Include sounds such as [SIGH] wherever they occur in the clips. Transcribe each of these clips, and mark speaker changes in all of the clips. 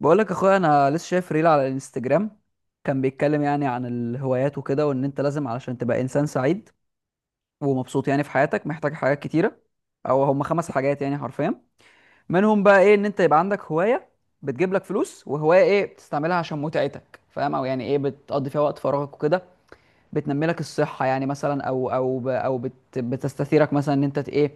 Speaker 1: بقول لك اخويا، انا لسه شايف ريل على الانستجرام. كان بيتكلم يعني عن الهوايات وكده، وان انت لازم علشان تبقى انسان سعيد ومبسوط يعني في حياتك محتاج حاجات كتيره، او هم خمس حاجات يعني حرفيا. منهم بقى ايه؟ ان انت يبقى عندك هوايه بتجيب لك فلوس، وهوايه ايه بتستعملها عشان متعتك، فاهم؟ او يعني ايه بتقضي فيها وقت فراغك وكده، بتنمي لك الصحه يعني، مثلا او بتستثيرك مثلا ان انت ايه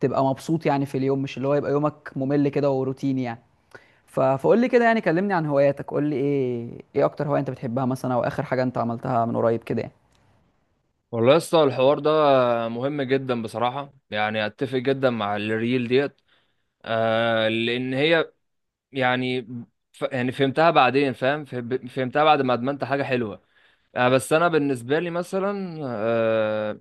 Speaker 1: تبقى مبسوط يعني في اليوم، مش اللي هو يبقى يومك ممل كده وروتيني يعني. فقول لي كده، يعني كلمني عن هواياتك، قول لي ايه اكتر هواية انت بتحبها مثلا، او اخر حاجة انت عملتها من قريب كده يعني.
Speaker 2: والله يا اسطى، الحوار ده مهم جدا بصراحة. يعني اتفق جدا مع الريل ديت. لان هي يعني. ف يعني فهمتها بعدين، فاهم، فهمتها بعد ما ادمنت حاجة حلوة. بس انا بالنسبة لي مثلا،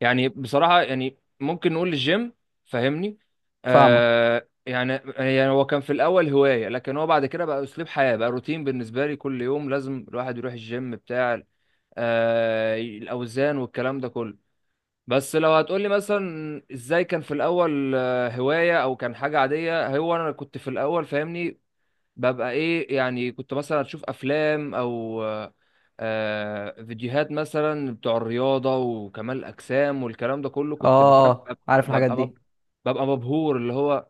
Speaker 2: يعني بصراحة يعني ممكن نقول الجيم، فاهمني؟
Speaker 1: فاهمة.
Speaker 2: آه يعني يعني هو كان في الاول هواية، لكن هو بعد كده بقى اسلوب حياة، بقى روتين بالنسبة لي. كل يوم لازم الواحد يروح الجيم بتاع الاوزان والكلام ده كله. بس لو هتقولي مثلا ازاي كان في الاول، هواية او كان حاجة عادية. هو انا كنت في الاول فاهمني؟ ببقى ايه؟ يعني كنت مثلا اشوف افلام او فيديوهات مثلا بتوع الرياضة وكمال الاجسام والكلام ده كله،
Speaker 1: اه
Speaker 2: كنت بفهم.
Speaker 1: عارف الحاجات
Speaker 2: ببقى مب-
Speaker 1: دي.
Speaker 2: ببقى مبهور اللي هو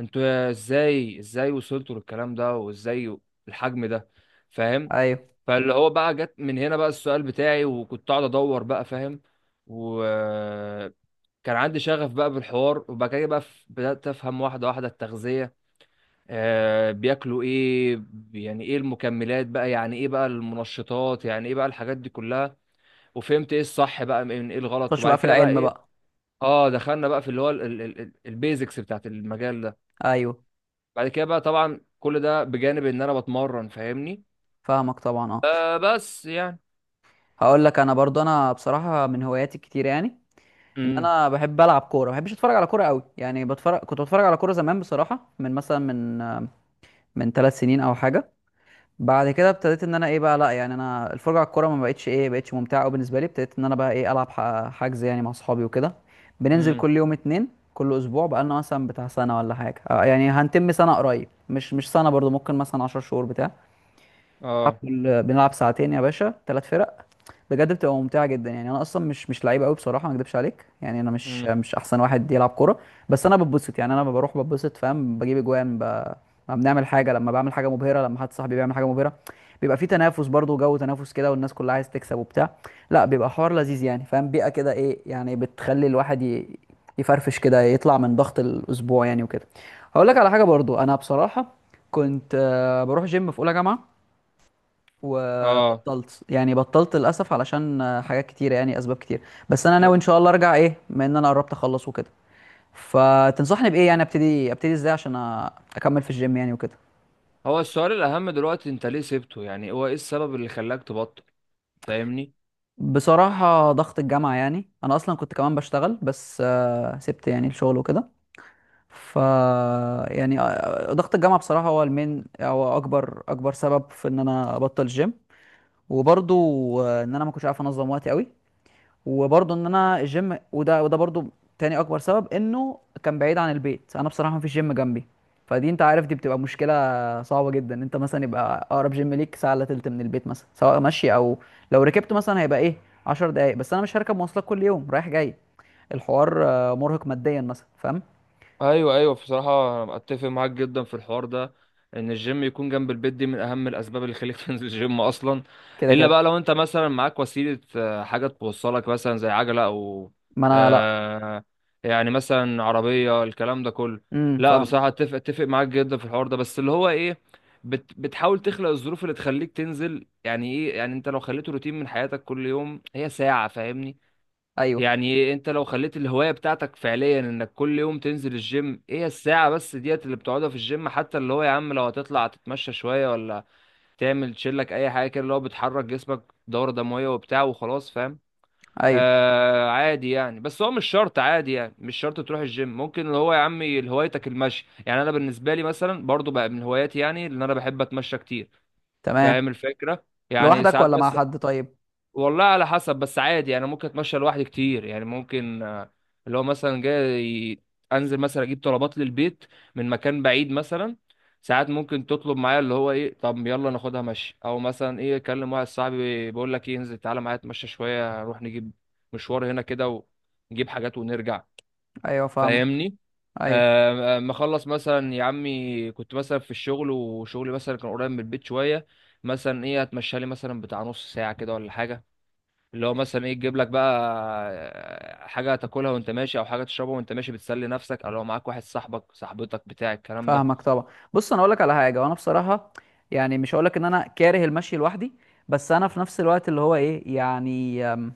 Speaker 2: انتوا ازاي وصلتوا للكلام ده وازاي الحجم ده، فاهم؟
Speaker 1: ايوه.
Speaker 2: فاللي هو بقى جت من هنا بقى السؤال بتاعي، وكنت قاعد ادور بقى، فاهم؟ و كان عندي شغف بقى بالحوار، وبعد كده بقى بدأت أفهم واحدة واحدة التغذية. بياكلوا إيه، يعني إيه المكملات بقى، يعني إيه بقى المنشطات، يعني إيه بقى الحاجات دي كلها. وفهمت إيه الصح بقى من إيه الغلط،
Speaker 1: خش
Speaker 2: وبعد
Speaker 1: بقى في
Speaker 2: كده بقى
Speaker 1: العلم
Speaker 2: إيه؟
Speaker 1: بقى.
Speaker 2: دخلنا بقى في اللي هو البيزكس بتاعت المجال ده.
Speaker 1: ايوه
Speaker 2: بعد كده بقى طبعا كل ده بجانب إن أنا بتمرن، فاهمني؟
Speaker 1: فاهمك طبعا، اه.
Speaker 2: بس يعني.
Speaker 1: هقول لك انا برضو، انا بصراحة من هواياتي الكتير يعني، ان
Speaker 2: امم.
Speaker 1: انا بحب العب كورة، ما بحبش اتفرج على كورة قوي يعني. بتفرج، كنت بتفرج على كورة زمان بصراحة، من مثلا من من ثلاث سنين او حاجة. بعد كده ابتديت ان انا ايه بقى، لا يعني انا الفرجه على الكوره ما بقتش، ايه، بقتش ممتعه قوي بالنسبه لي. ابتديت ان انا بقى ايه العب حجز يعني مع اصحابي وكده. بننزل
Speaker 2: امم.
Speaker 1: كل يوم اتنين، كل اسبوع بقى لنا مثلا بتاع سنه ولا حاجه يعني هنتم سنه قريب، مش سنه برضو، ممكن مثلا 10 شهور بتاع. بنلعب
Speaker 2: آه.
Speaker 1: كل- بنلعب ساعتين يا باشا، ثلاث فرق. بجد بتبقى ممتعه جدا. يعني انا اصلا مش لعيب قوي بصراحه، ما اكدبش عليك، يعني انا مش
Speaker 2: امم.
Speaker 1: مش احسن واحد يلعب كوره، بس انا بتبسط يعني. انا بروح بتبسط، فاهم، بجيب اجوان، ب... لما بنعمل حاجه، لما بعمل حاجه مبهره، لما حد صاحبي بيعمل حاجه مبهره، بيبقى في تنافس برضه، جو تنافس كده، والناس كلها عايز تكسب وبتاع. لا بيبقى حوار لذيذ يعني فاهم، بيئه كده، ايه يعني بتخلي الواحد ي... يفرفش كده، يطلع من ضغط الاسبوع يعني وكده. هقول لك على حاجه برضو انا بصراحه، كنت بروح جيم في اولى جامعه،
Speaker 2: آه.
Speaker 1: وبطلت يعني، بطلت للاسف علشان حاجات كتيره يعني، اسباب كتير. بس انا ناوي
Speaker 2: طب،
Speaker 1: ان شاء الله ارجع ايه، بما ان انا قربت اخلص وكده. فتنصحني بايه يعني؟ ابتدي، ابتدي ازاي عشان اكمل في الجيم يعني وكده.
Speaker 2: هو السؤال الأهم دلوقتي، أنت ليه سبته؟ يعني هو إيه السبب اللي خلاك تبطل؟ فاهمني؟
Speaker 1: بصراحه ضغط الجامعه، يعني انا اصلا كنت كمان بشتغل، بس سبت يعني الشغل وكده. ف يعني ضغط الجامعه بصراحه هو المين، هو اكبر سبب في ان انا ابطل الجيم. وبرضو ان انا ما كنتش عارف انظم وقتي قوي. وبرضه ان انا الجيم، وده برضه، تاني اكبر سبب، انه كان بعيد عن البيت. انا بصراحه مفيش جيم جنبي، فدي انت عارف دي بتبقى مشكله صعبه جدا. انت مثلا يبقى اقرب جيم ليك ساعه الا تلت من البيت مثلا، سواء مشي او لو ركبت مثلا هيبقى ايه 10 دقايق، بس انا مش هركب مواصلات كل يوم رايح جاي. الحوار مرهق ماديا مثلا، فاهم.
Speaker 2: ايوه ايوه، بصراحه انا اتفق معاك جدا في الحوار ده، ان الجيم يكون جنب البيت دي من اهم الاسباب اللي خليك [LAUGHS] تنزل الجيم اصلا.
Speaker 1: كده
Speaker 2: الا
Speaker 1: كده.
Speaker 2: بقى لو انت مثلا معاك وسيله، حاجه توصلك، مثلا زي عجله او
Speaker 1: ما انا لا.
Speaker 2: آه، يعني مثلا عربيه، الكلام ده كله.
Speaker 1: امم،
Speaker 2: لا
Speaker 1: فاهم.
Speaker 2: بصراحه، اتفق اتفق معاك جدا في الحوار ده، بس اللي هو ايه، بتحاول تخلق الظروف اللي تخليك تنزل. يعني ايه؟ يعني انت لو خليته روتين من حياتك، كل يوم هي ساعه، فاهمني؟
Speaker 1: ايوه
Speaker 2: يعني انت لو خليت الهواية بتاعتك فعليا انك كل يوم تنزل الجيم، ايه الساعة بس ديت اللي بتقعدها في الجيم. حتى اللي هو يا عم، لو هتطلع تتمشى شوية، ولا تعمل تشيلك اي حاجة كده اللي هو بتحرك جسمك، دورة دموية وبتاع وخلاص، فاهم؟
Speaker 1: ايوه
Speaker 2: عادي يعني، بس هو مش شرط، عادي يعني مش شرط تروح الجيم. ممكن اللي هو يا عمي هوايتك المشي. يعني انا بالنسبة لي مثلا برضو بقى من هواياتي، يعني ان انا بحب اتمشى كتير،
Speaker 1: تمام.
Speaker 2: فاهم الفكرة؟ يعني
Speaker 1: لوحدك
Speaker 2: ساعات
Speaker 1: ولا مع
Speaker 2: بس.
Speaker 1: حد طيب؟
Speaker 2: والله على حسب، بس عادي يعني، ممكن اتمشى لوحدي كتير. يعني ممكن اللي هو مثلا جاي انزل مثلا اجيب طلبات للبيت من مكان بعيد مثلا. ساعات ممكن تطلب معايا اللي هو ايه، طب يلا ناخدها مشي. او مثلا ايه، اكلم واحد صاحبي بقول لك ايه، انزل تعالى معايا اتمشى شويه، نروح نجيب مشوار هنا كده، ونجيب حاجات ونرجع،
Speaker 1: ايوه فاهمك.
Speaker 2: فاهمني؟
Speaker 1: ايوه
Speaker 2: مخلص مثلا يا عمي، كنت مثلا في الشغل وشغلي مثلا كان قريب من البيت شويه، مثلا ايه اتمشى لي مثلا بتاع نص ساعه كده ولا حاجه، اللي هو مثلا ايه تجيب لك بقى حاجه تاكلها وانت ماشي، او حاجه تشربها وانت ماشي، بتسلي نفسك، او لو معاك واحد صاحبك صاحبتك بتاع الكلام ده.
Speaker 1: فاهمك طبعا. بص انا اقول لك على حاجه وانا بصراحه، يعني مش هقول لك ان انا كاره المشي لوحدي، بس انا في نفس الوقت اللي هو ايه يعني،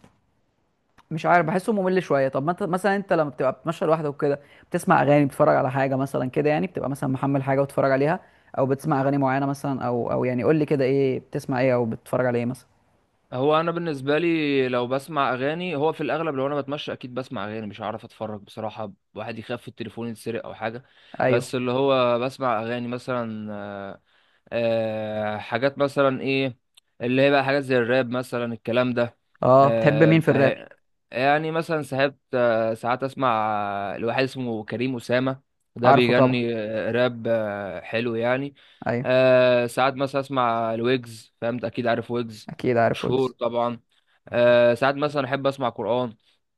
Speaker 1: مش عارف، بحسه ممل شويه. طب ما انت مثلا، انت لما بتبقى بتمشي لوحدك وكده، بتسمع اغاني، بتتفرج على حاجه مثلا كده، يعني بتبقى مثلا محمل حاجه وتتفرج عليها، او بتسمع اغاني معينه مثلا، او او يعني قول لي كده، ايه بتسمع، ايه او بتتفرج على ايه مثلا.
Speaker 2: هو انا بالنسبه لي، لو بسمع اغاني، هو في الاغلب لو انا بتمشى اكيد بسمع اغاني، مش هعرف اتفرج بصراحه، واحد يخاف التليفون يتسرق او حاجه. بس
Speaker 1: ايوه.
Speaker 2: اللي هو بسمع اغاني مثلا حاجات مثلا ايه، اللي هي بقى حاجات زي الراب مثلا، الكلام ده.
Speaker 1: اه بتحب مين في
Speaker 2: ف
Speaker 1: الراب؟
Speaker 2: يعني مثلا ساعات، ساعات اسمع لواحد اسمه كريم أسامة. ده
Speaker 1: عارفه طبعا.
Speaker 2: بيغني راب، حلو يعني.
Speaker 1: ايوه.
Speaker 2: ساعات مثلا اسمع الويجز، فهمت؟ اكيد عارف ويجز،
Speaker 1: اكيد عارف
Speaker 2: مشهور
Speaker 1: ويجز.
Speaker 2: طبعا. ساعات مثلا احب اسمع قرآن،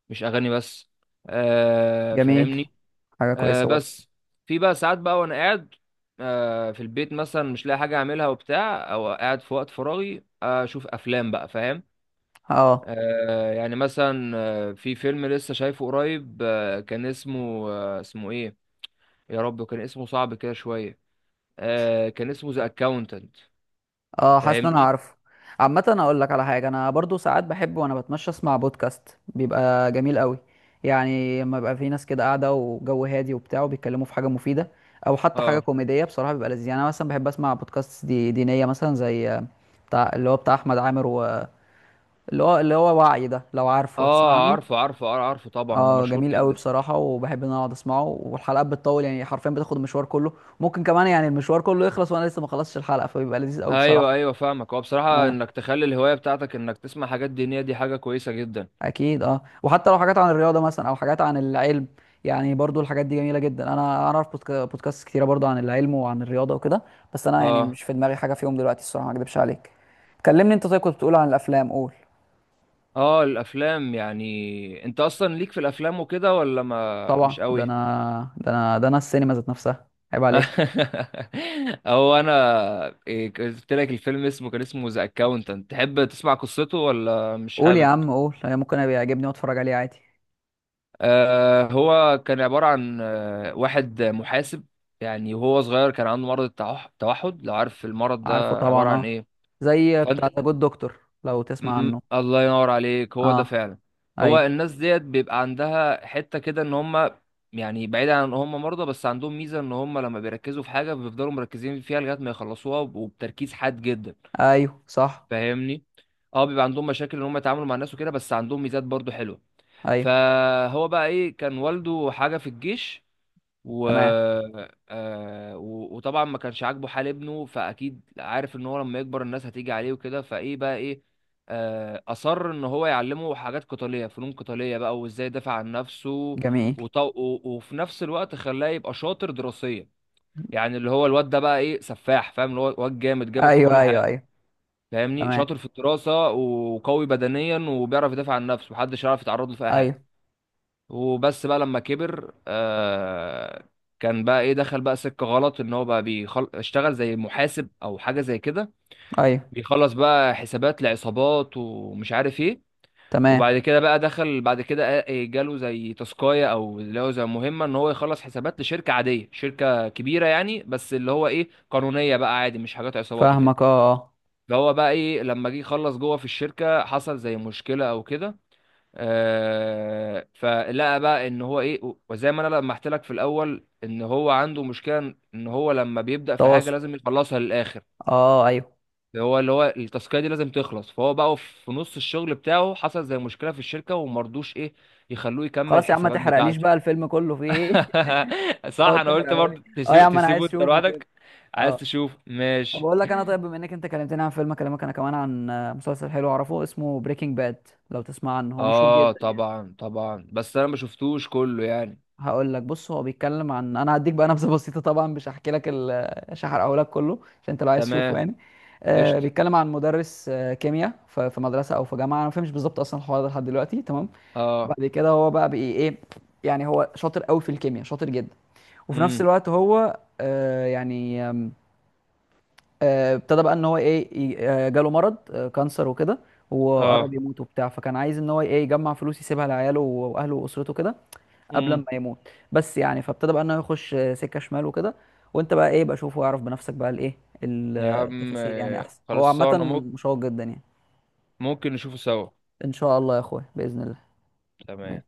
Speaker 2: مش اغاني بس،
Speaker 1: جميل،
Speaker 2: فاهمني؟
Speaker 1: حاجه كويسه برضه.
Speaker 2: بس، في بقى ساعات بقى وانا قاعد في البيت مثلا مش لاقي حاجه اعملها وبتاع، او قاعد في وقت فراغي، اشوف افلام بقى، فاهم؟
Speaker 1: اه
Speaker 2: يعني مثلا، في فيلم لسه شايفه قريب، آه كان اسمه، اسمه ايه يا رب، كان اسمه صعب كده شويه. آه كان اسمه ذا اكاونتنت،
Speaker 1: اه حاسس ان انا
Speaker 2: فاهمني؟
Speaker 1: عارفه. عامه انا اقول لك على حاجه، انا برضو ساعات بحب وانا بتمشى اسمع بودكاست، بيبقى جميل قوي يعني، لما يبقى في ناس كده قاعده وجو هادي وبتاع، وبيتكلموا في حاجه مفيده او حتى حاجه
Speaker 2: اه
Speaker 1: كوميديه، بصراحه بيبقى لذيذ. يعني انا مثلا بحب اسمع بودكاست دي دينيه مثلا، زي بتاع اللي هو بتاع احمد عامر، و اللي هو وعي ده، لو عارفه تسمع
Speaker 2: اه،
Speaker 1: عنه.
Speaker 2: عارفه عارفه، عارفه طبعا، ده
Speaker 1: اه
Speaker 2: مشهور
Speaker 1: جميل قوي
Speaker 2: جدا.
Speaker 1: بصراحه، وبحب ان انا اقعد اسمعه، والحلقات بتطول يعني حرفيا، بتاخد المشوار كله، ممكن كمان يعني المشوار كله يخلص وانا لسه ما خلصتش الحلقه، فبيبقى لذيذ قوي بصراحه.
Speaker 2: ايوه ايوه، فاهمك. هو بصراحه
Speaker 1: اه
Speaker 2: انك تخلي الهوايه بتاعتك انك تسمع حاجات دينيه، دي حاجه كويسه جدا.
Speaker 1: اكيد، اه، وحتى لو حاجات عن الرياضه مثلا، او حاجات عن العلم. يعني برضو الحاجات دي جميله جدا، انا اعرف بودكاست كتيره برضو عن العلم وعن الرياضه وكده، بس انا يعني
Speaker 2: اه
Speaker 1: مش في دماغي حاجه فيهم دلوقتي الصراحه، ما اكدبش عليك. كلمني انت طيب، كنت بتقول عن الافلام، قول.
Speaker 2: اه، الافلام. يعني انت اصلا ليك في الافلام وكده ولا ما مش
Speaker 1: طبعا، ده
Speaker 2: قوي؟
Speaker 1: انا، ده انا، ده انا السينما ذات نفسها، عيب عليك.
Speaker 2: [LAUGHS] او انا إيه، قلت لك الفيلم اسمه، كان اسمه ذا اكاونتنت، تحب تسمع قصته ولا مش
Speaker 1: قول يا
Speaker 2: حابب؟
Speaker 1: عم قول، يعني ممكن ابقى يعجبني واتفرج عليه عادي.
Speaker 2: آه، هو كان عبارة عن واحد محاسب. يعني وهو صغير كان عنده مرض التوحد، لو عارف المرض
Speaker 1: عارفه
Speaker 2: ده عبارة
Speaker 1: طبعا
Speaker 2: عن
Speaker 1: اه،
Speaker 2: ايه.
Speaker 1: زي
Speaker 2: فانت،
Speaker 1: بتاع ذا جود دكتور، لو تسمع عنه.
Speaker 2: الله ينور عليك، هو ده
Speaker 1: اه
Speaker 2: فعلا. هو
Speaker 1: ايوه
Speaker 2: الناس ديت بيبقى عندها حتة كده، ان هم يعني بعيد عن ان هم مرضى، بس عندهم ميزة ان هم لما بيركزوا في حاجة بيفضلوا مركزين فيها لغاية ما يخلصوها، وبتركيز حاد جدا،
Speaker 1: ايوه صح.
Speaker 2: فاهمني؟ اه، بيبقى عندهم مشاكل ان هم يتعاملوا مع الناس وكده، بس عندهم ميزات برضو حلوة.
Speaker 1: ايوه
Speaker 2: فهو بقى ايه، كان والده حاجة في الجيش، و...
Speaker 1: تمام.
Speaker 2: وطبعا ما كانش عاجبه حال ابنه، فاكيد عارف ان هو لما يكبر الناس هتيجي عليه وكده. فايه بقى ايه، اصر ان هو يعلمه حاجات قتاليه، فنون قتاليه بقى، وازاي يدافع عن نفسه.
Speaker 1: جميل.
Speaker 2: وفي نفس الوقت خلاه يبقى شاطر دراسيا. يعني اللي هو الواد ده بقى ايه، سفاح، فاهم؟ اللي هو واد جامد جامد في
Speaker 1: ايوه
Speaker 2: كل
Speaker 1: ايوه
Speaker 2: حاجه،
Speaker 1: ايوه.
Speaker 2: فاهمني؟
Speaker 1: تمام.
Speaker 2: شاطر في الدراسه وقوي بدنيا وبيعرف يدافع عن نفسه، محدش يعرف يتعرض له في اي حاجه.
Speaker 1: ايوه
Speaker 2: وبس بقى لما كبر، كان بقى ايه، دخل بقى سكة غلط. ان هو بقى اشتغل زي محاسب او حاجة زي كده،
Speaker 1: ايوه.
Speaker 2: بيخلص بقى حسابات لعصابات ومش عارف ايه.
Speaker 1: تمام
Speaker 2: وبعد كده بقى دخل بعد كده، جاله زي تاسكاية، او اللي هو زي مهمة، ان هو يخلص حسابات لشركة عادية، شركة كبيرة يعني، بس اللي هو ايه، قانونية بقى، عادي مش حاجات عصابات وكده.
Speaker 1: فاهمك، اه اه.
Speaker 2: فهو بقى ايه لما جه يخلص جوه في الشركة، حصل زي مشكلة او كده. فلقى بقى ان هو ايه، وزي ما انا لما قلت لك في الاول، ان هو عنده مشكله ان هو لما بيبدا في حاجه
Speaker 1: تواصل.
Speaker 2: لازم يخلصها للاخر.
Speaker 1: اه ايوه.
Speaker 2: هو اللي هو التاسكيه دي لازم تخلص، فهو بقى في نص الشغل بتاعه حصل زي مشكله في الشركه ومرضوش ايه يخلوه يكمل
Speaker 1: خلاص يا عم، ما
Speaker 2: الحسابات
Speaker 1: تحرقليش
Speaker 2: بتاعته.
Speaker 1: بقى الفيلم كله في ايه [LAUGHS]
Speaker 2: [LAUGHS] صح،
Speaker 1: اه
Speaker 2: انا قلت
Speaker 1: تحرقه لي.
Speaker 2: برضه،
Speaker 1: اه يا
Speaker 2: تسيبه
Speaker 1: عم انا عايز
Speaker 2: تسيبه انت
Speaker 1: اشوفه كده.
Speaker 2: لوحدك. عايز
Speaker 1: اه.
Speaker 2: تشوف،
Speaker 1: طب
Speaker 2: ماشي.
Speaker 1: اقول لك انا طيب، بما انك انت كلمتني عن فيلم، اكلمك انا كمان عن مسلسل حلو اعرفه، اسمه بريكنج باد، لو تسمع عنه، هو مشهور
Speaker 2: اه
Speaker 1: جدا يعني.
Speaker 2: طبعا طبعا، بس انا ما شفتوش كله يعني.
Speaker 1: هقول لك بص، هو بيتكلم عن، انا هديك بقى نبذه [LAUGHS] بسيطه طبعا، مش هحكي لك ال... مش هحرقه لك كله، عشان انت لو عايز تشوفه
Speaker 2: تمام.
Speaker 1: يعني. آه
Speaker 2: قشطه.
Speaker 1: بيتكلم عن مدرس آه كيمياء في مدرسه او في جامعه، انا ما فهمش بالظبط اصلا الحوار ده لحد دلوقتي، تمام؟
Speaker 2: اه.
Speaker 1: وبعد كده هو بقى بي ايه، يعني هو شاطر قوي في الكيمياء، شاطر جدا. وفي نفس
Speaker 2: امم.
Speaker 1: الوقت هو آه يعني آه ابتدى بقى ان هو ايه جاله مرض آه كانسر وكده، وقرب
Speaker 2: اه.
Speaker 1: يموت وبتاع. فكان عايز ان هو ايه يجمع فلوس يسيبها لعياله واهله واسرته كده قبل
Speaker 2: مم.
Speaker 1: ما يموت بس يعني. فابتدى بقى ان هو يخش سكه شمال وكده. وانت بقى ايه بقى شوف واعرف بنفسك بقى الايه، ال-
Speaker 2: يا عم،
Speaker 1: التفاصيل يعني احسن، هو عامه
Speaker 2: خلصانة، ممكن
Speaker 1: مشوق جدا يعني.
Speaker 2: ممكن نشوفه سوا.
Speaker 1: ان شاء الله يا اخويا باذن الله. ماشي.
Speaker 2: تمام.